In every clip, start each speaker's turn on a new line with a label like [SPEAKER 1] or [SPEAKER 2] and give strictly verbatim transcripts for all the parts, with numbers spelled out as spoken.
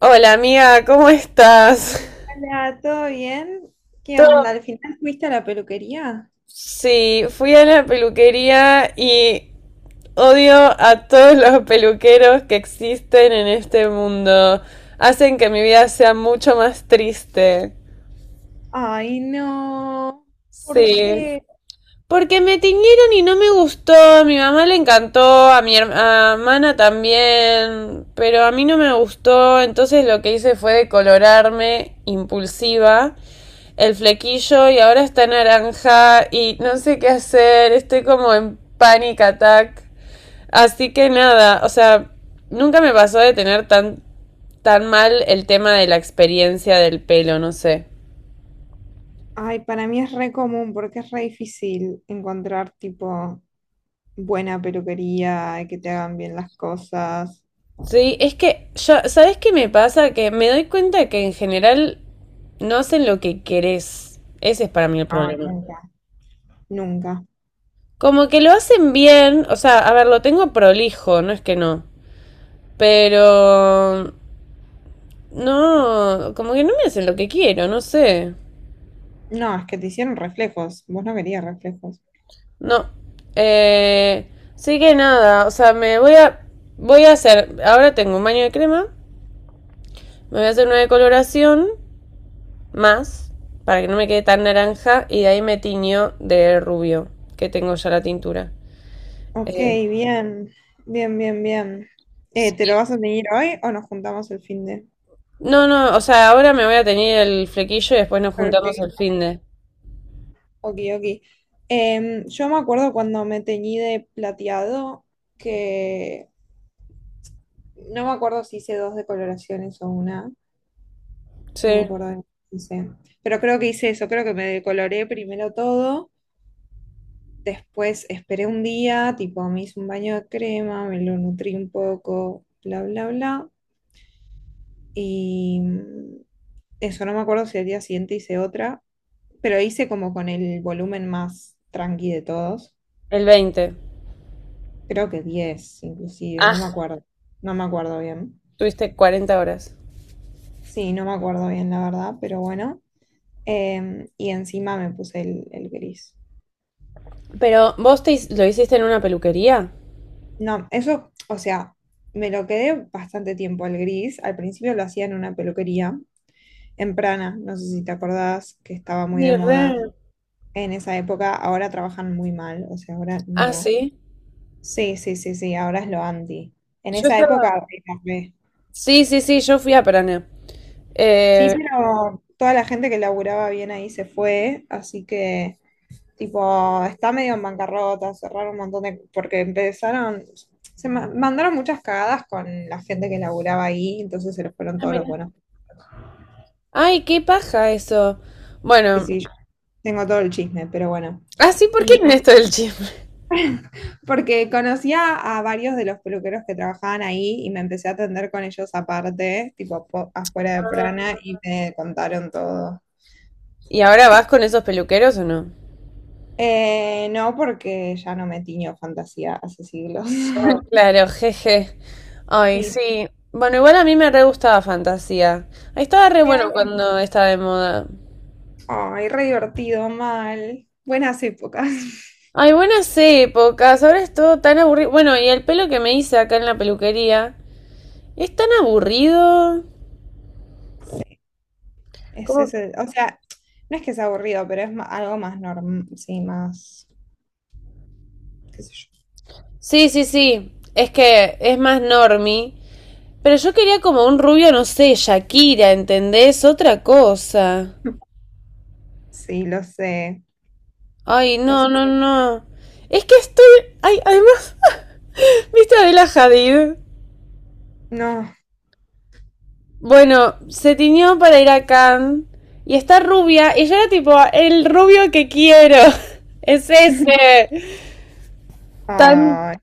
[SPEAKER 1] Hola amiga, ¿cómo estás?
[SPEAKER 2] Hola, ¿todo bien? ¿Qué onda?
[SPEAKER 1] Todo...
[SPEAKER 2] ¿Al final fuiste a la peluquería?
[SPEAKER 1] Sí, fui a la peluquería y odio a todos los peluqueros que existen en este mundo. Hacen que mi vida sea mucho más triste.
[SPEAKER 2] Ay, no. ¿Por
[SPEAKER 1] Sí.
[SPEAKER 2] qué?
[SPEAKER 1] Porque me tiñeron y no me gustó, a mi mamá le encantó, a mi hermana también, pero a mí no me gustó, entonces lo que hice fue decolorarme impulsiva el flequillo y ahora está naranja y no sé qué hacer, estoy como en panic attack. Así que nada, o sea, nunca me pasó de tener tan, tan mal el tema de la experiencia del pelo, no sé.
[SPEAKER 2] Ay, para mí es re común porque es re difícil encontrar tipo buena peluquería y que te hagan bien las cosas.
[SPEAKER 1] Sí, es que yo, ¿sabes qué me pasa? Que me doy cuenta que en general no hacen lo que querés. Ese es para mí el
[SPEAKER 2] No,
[SPEAKER 1] problema.
[SPEAKER 2] nunca. Nunca.
[SPEAKER 1] Como que lo hacen bien, o sea, a ver, lo tengo prolijo, no es que no. Pero no, como que no me hacen lo que quiero, no sé.
[SPEAKER 2] No, es que te hicieron reflejos. Vos no querías reflejos.
[SPEAKER 1] No. Eh, sí que nada, o sea, me voy a voy a hacer, ahora tengo un baño de crema, me voy a hacer una decoloración, más para que no me quede tan naranja y de ahí me tiñó de rubio, que tengo ya la tintura.
[SPEAKER 2] Ok,
[SPEAKER 1] Eh,
[SPEAKER 2] bien. Bien, bien, bien. Eh, ¿te lo vas a tener hoy o nos juntamos el fin
[SPEAKER 1] no, no, o sea, ahora me voy a teñir el flequillo y después nos juntamos
[SPEAKER 2] de?
[SPEAKER 1] el fin de.
[SPEAKER 2] Ok, ok. Em, yo me acuerdo cuando me teñí de plateado, que no me acuerdo si hice dos decoloraciones o una,
[SPEAKER 1] Sí,
[SPEAKER 2] no me acuerdo, bien, no sé. Pero creo que hice eso, creo que me decoloré primero todo, después esperé un día, tipo me hice un baño de crema, me lo nutrí un poco, bla, bla, bla. Y mm, eso no me acuerdo si al día siguiente hice otra, pero hice como con el volumen más tranqui de todos.
[SPEAKER 1] el veinte.
[SPEAKER 2] Creo que diez, inclusive, no me
[SPEAKER 1] Ah,
[SPEAKER 2] acuerdo. No me acuerdo bien.
[SPEAKER 1] tuviste cuarenta horas.
[SPEAKER 2] Sí, no me acuerdo bien, la verdad, pero bueno. Em, y encima me puse el, el gris.
[SPEAKER 1] Pero vos te, hi- lo hiciste en una peluquería.
[SPEAKER 2] No, eso, o sea, me lo quedé bastante tiempo el gris. Al principio lo hacía en una peluquería, en Prana, no sé si te acordás, que estaba muy de
[SPEAKER 1] Sí,
[SPEAKER 2] moda
[SPEAKER 1] re.
[SPEAKER 2] en esa época. Ahora trabajan muy mal, o sea, ahora
[SPEAKER 1] Ah,
[SPEAKER 2] no.
[SPEAKER 1] sí.
[SPEAKER 2] Sí, sí, sí, sí, ahora es lo anti. En
[SPEAKER 1] Yo
[SPEAKER 2] esa época
[SPEAKER 1] estaba.
[SPEAKER 2] era re.
[SPEAKER 1] Sí, sí, sí, yo fui a Paraná.
[SPEAKER 2] Sí,
[SPEAKER 1] Eh,
[SPEAKER 2] pero toda la gente que laburaba bien ahí se fue, así que, tipo, está medio en bancarrota, cerraron un montón de porque empezaron, se ma- mandaron muchas cagadas con la gente que laburaba ahí, entonces se les fueron
[SPEAKER 1] Ah,
[SPEAKER 2] todos los
[SPEAKER 1] mira.
[SPEAKER 2] buenos.
[SPEAKER 1] Ay, qué paja eso.
[SPEAKER 2] Sí,
[SPEAKER 1] Bueno,
[SPEAKER 2] sí, yo tengo todo el chisme, pero bueno.
[SPEAKER 1] ah así porque
[SPEAKER 2] Y
[SPEAKER 1] en esto del chisme.
[SPEAKER 2] porque conocía a varios de los peluqueros que trabajaban ahí y me empecé a atender con ellos aparte, tipo, po- afuera de Prana, y me contaron todo.
[SPEAKER 1] ¿Y ahora vas con esos peluqueros o no?
[SPEAKER 2] Eh, no, porque ya no me tiño fantasía hace siglos.
[SPEAKER 1] Claro, jeje. Ay,
[SPEAKER 2] Sí,
[SPEAKER 1] sí. Bueno, igual a mí me re gustaba Fantasía. Ahí estaba re
[SPEAKER 2] sí, a
[SPEAKER 1] bueno
[SPEAKER 2] mí también.
[SPEAKER 1] cuando estaba de moda.
[SPEAKER 2] Ay, re divertido, mal. Buenas épocas.
[SPEAKER 1] Ay, buenas épocas. Ahora es todo tan aburrido. Bueno, y el pelo que me hice acá en la peluquería es tan aburrido.
[SPEAKER 2] Es
[SPEAKER 1] ¿Cómo?
[SPEAKER 2] ese, o sea, no es que sea aburrido, pero es ma- algo más normal, sí, más, qué sé
[SPEAKER 1] Sí, sí, sí. Es que es más normie. Pero yo quería como un rubio, no sé, Shakira, ¿entendés? Otra cosa.
[SPEAKER 2] yo. Sí, lo sé,
[SPEAKER 1] Ay,
[SPEAKER 2] lo
[SPEAKER 1] no, no,
[SPEAKER 2] sé.
[SPEAKER 1] no. Es que estoy. Ay, además. Vista de la Hadid.
[SPEAKER 2] No.
[SPEAKER 1] Bueno, se tiñó para ir a Cannes y está rubia y yo era tipo, el rubio que quiero. Es ese. Tan,
[SPEAKER 2] Ay,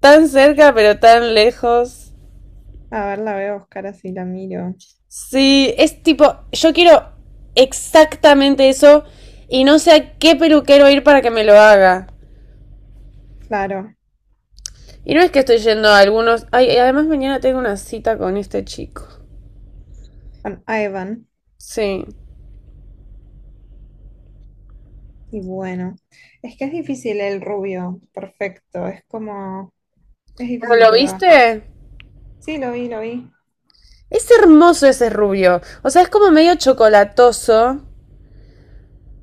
[SPEAKER 1] tan cerca pero tan lejos.
[SPEAKER 2] a ver, la voy a buscar así, la miro.
[SPEAKER 1] Sí, es tipo, yo quiero exactamente eso y no sé a qué peluquero ir para que me lo haga.
[SPEAKER 2] Claro,
[SPEAKER 1] Y no es que estoy yendo a algunos. Ay, además mañana tengo una cita con este chico.
[SPEAKER 2] con Ivan.
[SPEAKER 1] Sí.
[SPEAKER 2] Y bueno, es que es difícil el rubio, perfecto. Es como, es
[SPEAKER 1] ¿Pero
[SPEAKER 2] difícil
[SPEAKER 1] lo
[SPEAKER 2] que lo
[SPEAKER 1] viste?
[SPEAKER 2] Sí, lo vi, lo vi.
[SPEAKER 1] Es hermoso ese rubio. O sea, es como medio chocolatoso.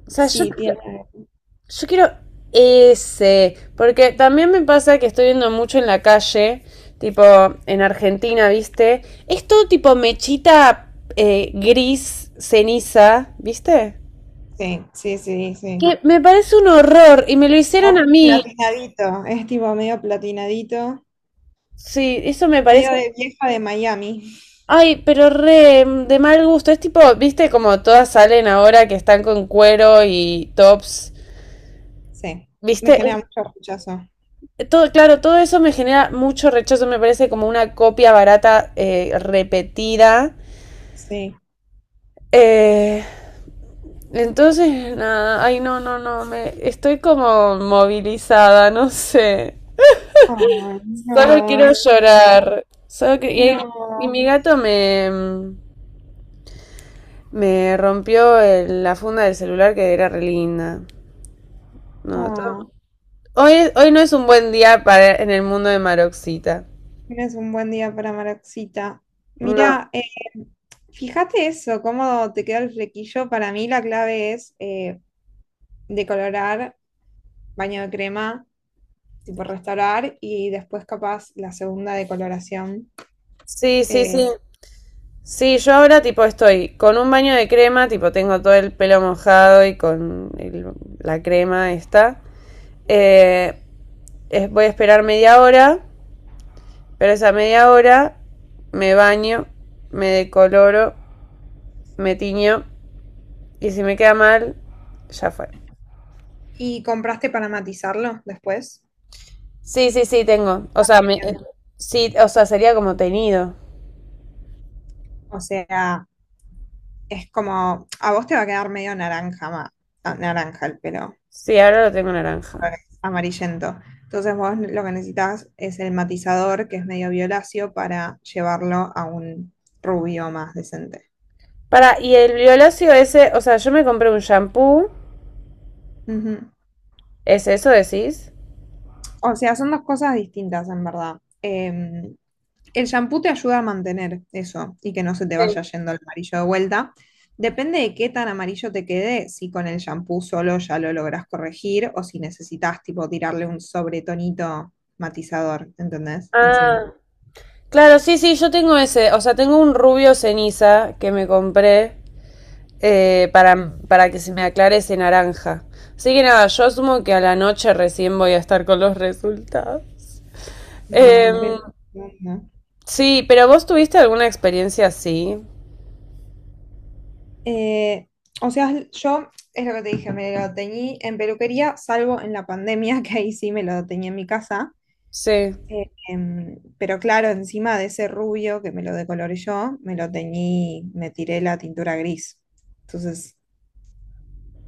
[SPEAKER 1] O sea, yo, yo
[SPEAKER 2] Sí, tiene.
[SPEAKER 1] quiero ese. Porque también me pasa que estoy viendo mucho en la calle, tipo en Argentina, ¿viste? Es todo tipo mechita eh, gris, ceniza, ¿viste?
[SPEAKER 2] Sí, sí, sí, sí.
[SPEAKER 1] Que me parece un horror y me lo hicieron a
[SPEAKER 2] Como
[SPEAKER 1] mí.
[SPEAKER 2] platinadito, es tipo medio platinadito,
[SPEAKER 1] Sí, eso me parece.
[SPEAKER 2] medio de vieja de Miami.
[SPEAKER 1] Ay, pero re de mal gusto. Es tipo, ¿viste? Como todas salen ahora que están con cuero y tops.
[SPEAKER 2] Sí,
[SPEAKER 1] ¿Viste?
[SPEAKER 2] me genera mucho rechazo.
[SPEAKER 1] Todo, claro, todo eso me genera mucho rechazo, me parece como una copia barata eh, repetida.
[SPEAKER 2] Sí.
[SPEAKER 1] Eh, entonces, nada, ay, no, no, no, me, estoy como movilizada, no sé.
[SPEAKER 2] Ay, no,
[SPEAKER 1] Solo quiero
[SPEAKER 2] amiga.
[SPEAKER 1] llorar. Solo que, y, y
[SPEAKER 2] No.
[SPEAKER 1] mi gato me, me rompió el- la funda del celular que era re linda. No, todo-
[SPEAKER 2] Oh,
[SPEAKER 1] Hoy, hoy no es un buen día para en el mundo de Maroxita.
[SPEAKER 2] tienes un buen día para Maroxita.
[SPEAKER 1] No.
[SPEAKER 2] Mira, eh, fíjate eso, cómo te queda el flequillo. Para mí la clave es eh, decolorar baño de crema, tipo restaurar, y después capaz la segunda de coloración.
[SPEAKER 1] Sí, sí,
[SPEAKER 2] Eh,
[SPEAKER 1] sí. Sí, yo ahora tipo estoy con un baño de crema, tipo tengo todo el pelo mojado y con el- la crema esta. Eh, es- Voy a esperar media hora, pero esa media hora me baño, me decoloro, me tiño y si me queda mal, ya fue.
[SPEAKER 2] ¿Y compraste para matizarlo después?
[SPEAKER 1] Sí, sí, sí, tengo. O sea, me, eh,
[SPEAKER 2] Bien.
[SPEAKER 1] sí, o sea, sería como teñido.
[SPEAKER 2] O sea, es como, a vos te va a quedar medio naranja, ma- ah, naranja el pelo,
[SPEAKER 1] Sí, ahora lo tengo naranja.
[SPEAKER 2] amarillento. Entonces vos lo que necesitas es el matizador, que es medio violáceo, para llevarlo a un rubio más decente.
[SPEAKER 1] Para, y el violáceo ese, o sea, yo me compré un shampoo,
[SPEAKER 2] Ujú.
[SPEAKER 1] ¿es eso decís?
[SPEAKER 2] O sea, son dos cosas distintas en verdad. Em, el shampoo te ayuda a mantener eso y que no se te
[SPEAKER 1] Sí.
[SPEAKER 2] vaya yendo el amarillo de vuelta. Depende de qué tan amarillo te quede, si con el shampoo solo ya lo logras corregir o si necesitas tipo tirarle un sobretonito matizador, ¿entendés? Encima.
[SPEAKER 1] Ah, claro, sí, sí, yo tengo ese, o sea, tengo un rubio ceniza que me compré eh, para, para que se me aclare ese naranja. Así que nada, yo asumo que a la noche recién voy a estar con los resultados.
[SPEAKER 2] Bueno, ve-
[SPEAKER 1] Em,
[SPEAKER 2] ¿no?
[SPEAKER 1] sí, pero vos tuviste alguna experiencia así.
[SPEAKER 2] Eh, o sea, yo es lo que te dije, me lo teñí en peluquería, salvo en la pandemia, que ahí sí me lo teñí en mi casa.
[SPEAKER 1] Sí.
[SPEAKER 2] Eh, em, pero claro, encima de ese rubio que me lo decoloré yo, me lo teñí, me tiré la tintura gris. Entonces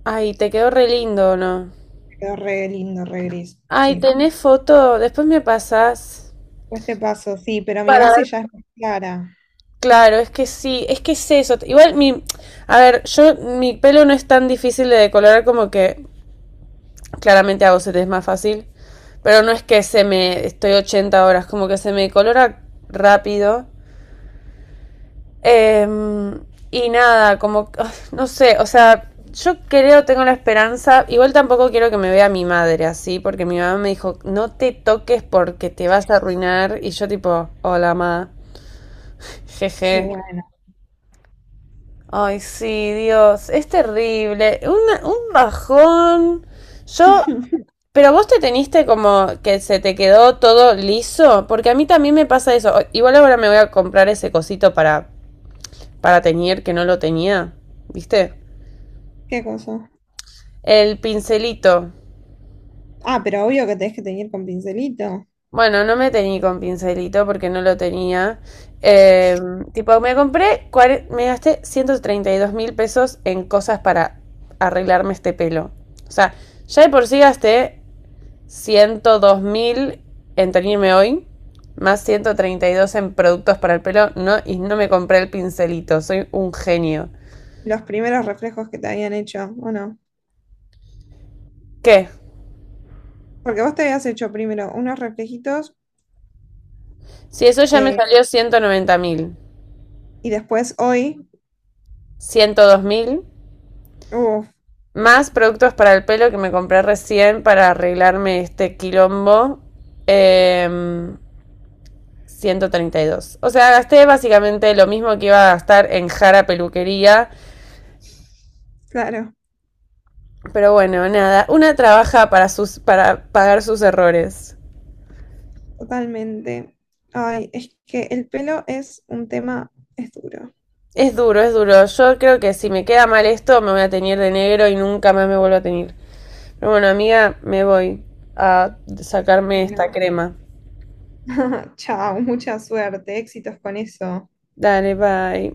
[SPEAKER 1] Ay, te quedó re lindo, ¿o no?
[SPEAKER 2] quedó re lindo, re gris.
[SPEAKER 1] Ay,
[SPEAKER 2] Sí.
[SPEAKER 1] tenés foto, después me pasás.
[SPEAKER 2] Pues te paso, sí, pero mi
[SPEAKER 1] Para
[SPEAKER 2] base
[SPEAKER 1] ver.
[SPEAKER 2] ya es más clara.
[SPEAKER 1] Claro, es que sí, es que es eso. Igual mi, a ver, yo mi pelo no es tan difícil de decolorar como que claramente a set es más fácil. Pero no es que se me. Estoy ochenta horas, como que se me colora rápido. Em, y nada, como. No sé, o sea, yo creo, tengo la esperanza. Igual tampoco quiero que me vea mi madre así, porque mi mamá me dijo, no te toques porque te vas a arruinar. Y yo, tipo, hola, mamá.
[SPEAKER 2] Y
[SPEAKER 1] Jeje.
[SPEAKER 2] bueno.
[SPEAKER 1] Ay, sí, Dios, es terrible. Una- un bajón. Yo. Pero vos te teniste como que se te quedó todo liso, porque a mí también me pasa eso. Igual ahora me voy a comprar ese cosito para, para teñir que no lo tenía, ¿viste?
[SPEAKER 2] ¿Qué cosa?
[SPEAKER 1] El pincelito.
[SPEAKER 2] Ah, pero obvio que tenés que teñir con pincelito.
[SPEAKER 1] Bueno, no me teñí con pincelito porque no lo tenía. Eh, Tipo, me compré, cuare- me gasté ciento treinta y dos mil pesos en cosas para arreglarme este pelo. O sea, ya de por sí gasté ciento dos mil en teñirme hoy, más ciento treinta y dos en productos para el pelo, no, y no me compré el pincelito, soy un genio.
[SPEAKER 2] Los primeros reflejos que te habían hecho, ¿o no?
[SPEAKER 1] ¿Qué?
[SPEAKER 2] Porque vos te habías hecho primero unos reflejitos
[SPEAKER 1] Si eso ya me
[SPEAKER 2] eh,
[SPEAKER 1] salió ciento noventa mil,
[SPEAKER 2] y después hoy.
[SPEAKER 1] ciento dos mil,
[SPEAKER 2] Uf,
[SPEAKER 1] más productos para el pelo que me compré recién para arreglarme este quilombo, eh, ciento treinta y dos. O sea, gasté básicamente lo mismo que iba a gastar en Jara Peluquería,
[SPEAKER 2] claro.
[SPEAKER 1] pero bueno, nada, una trabaja para, sus, para pagar sus errores.
[SPEAKER 2] Totalmente. Ay, es que el pelo es un tema, es duro.
[SPEAKER 1] Es duro, es duro. Yo creo que si me queda mal esto, me voy a teñir de negro y nunca más me vuelvo a teñir. Pero bueno, amiga, me voy a sacarme esta
[SPEAKER 2] No.
[SPEAKER 1] crema.
[SPEAKER 2] Chao, mucha suerte, éxitos con eso.
[SPEAKER 1] Dale, bye.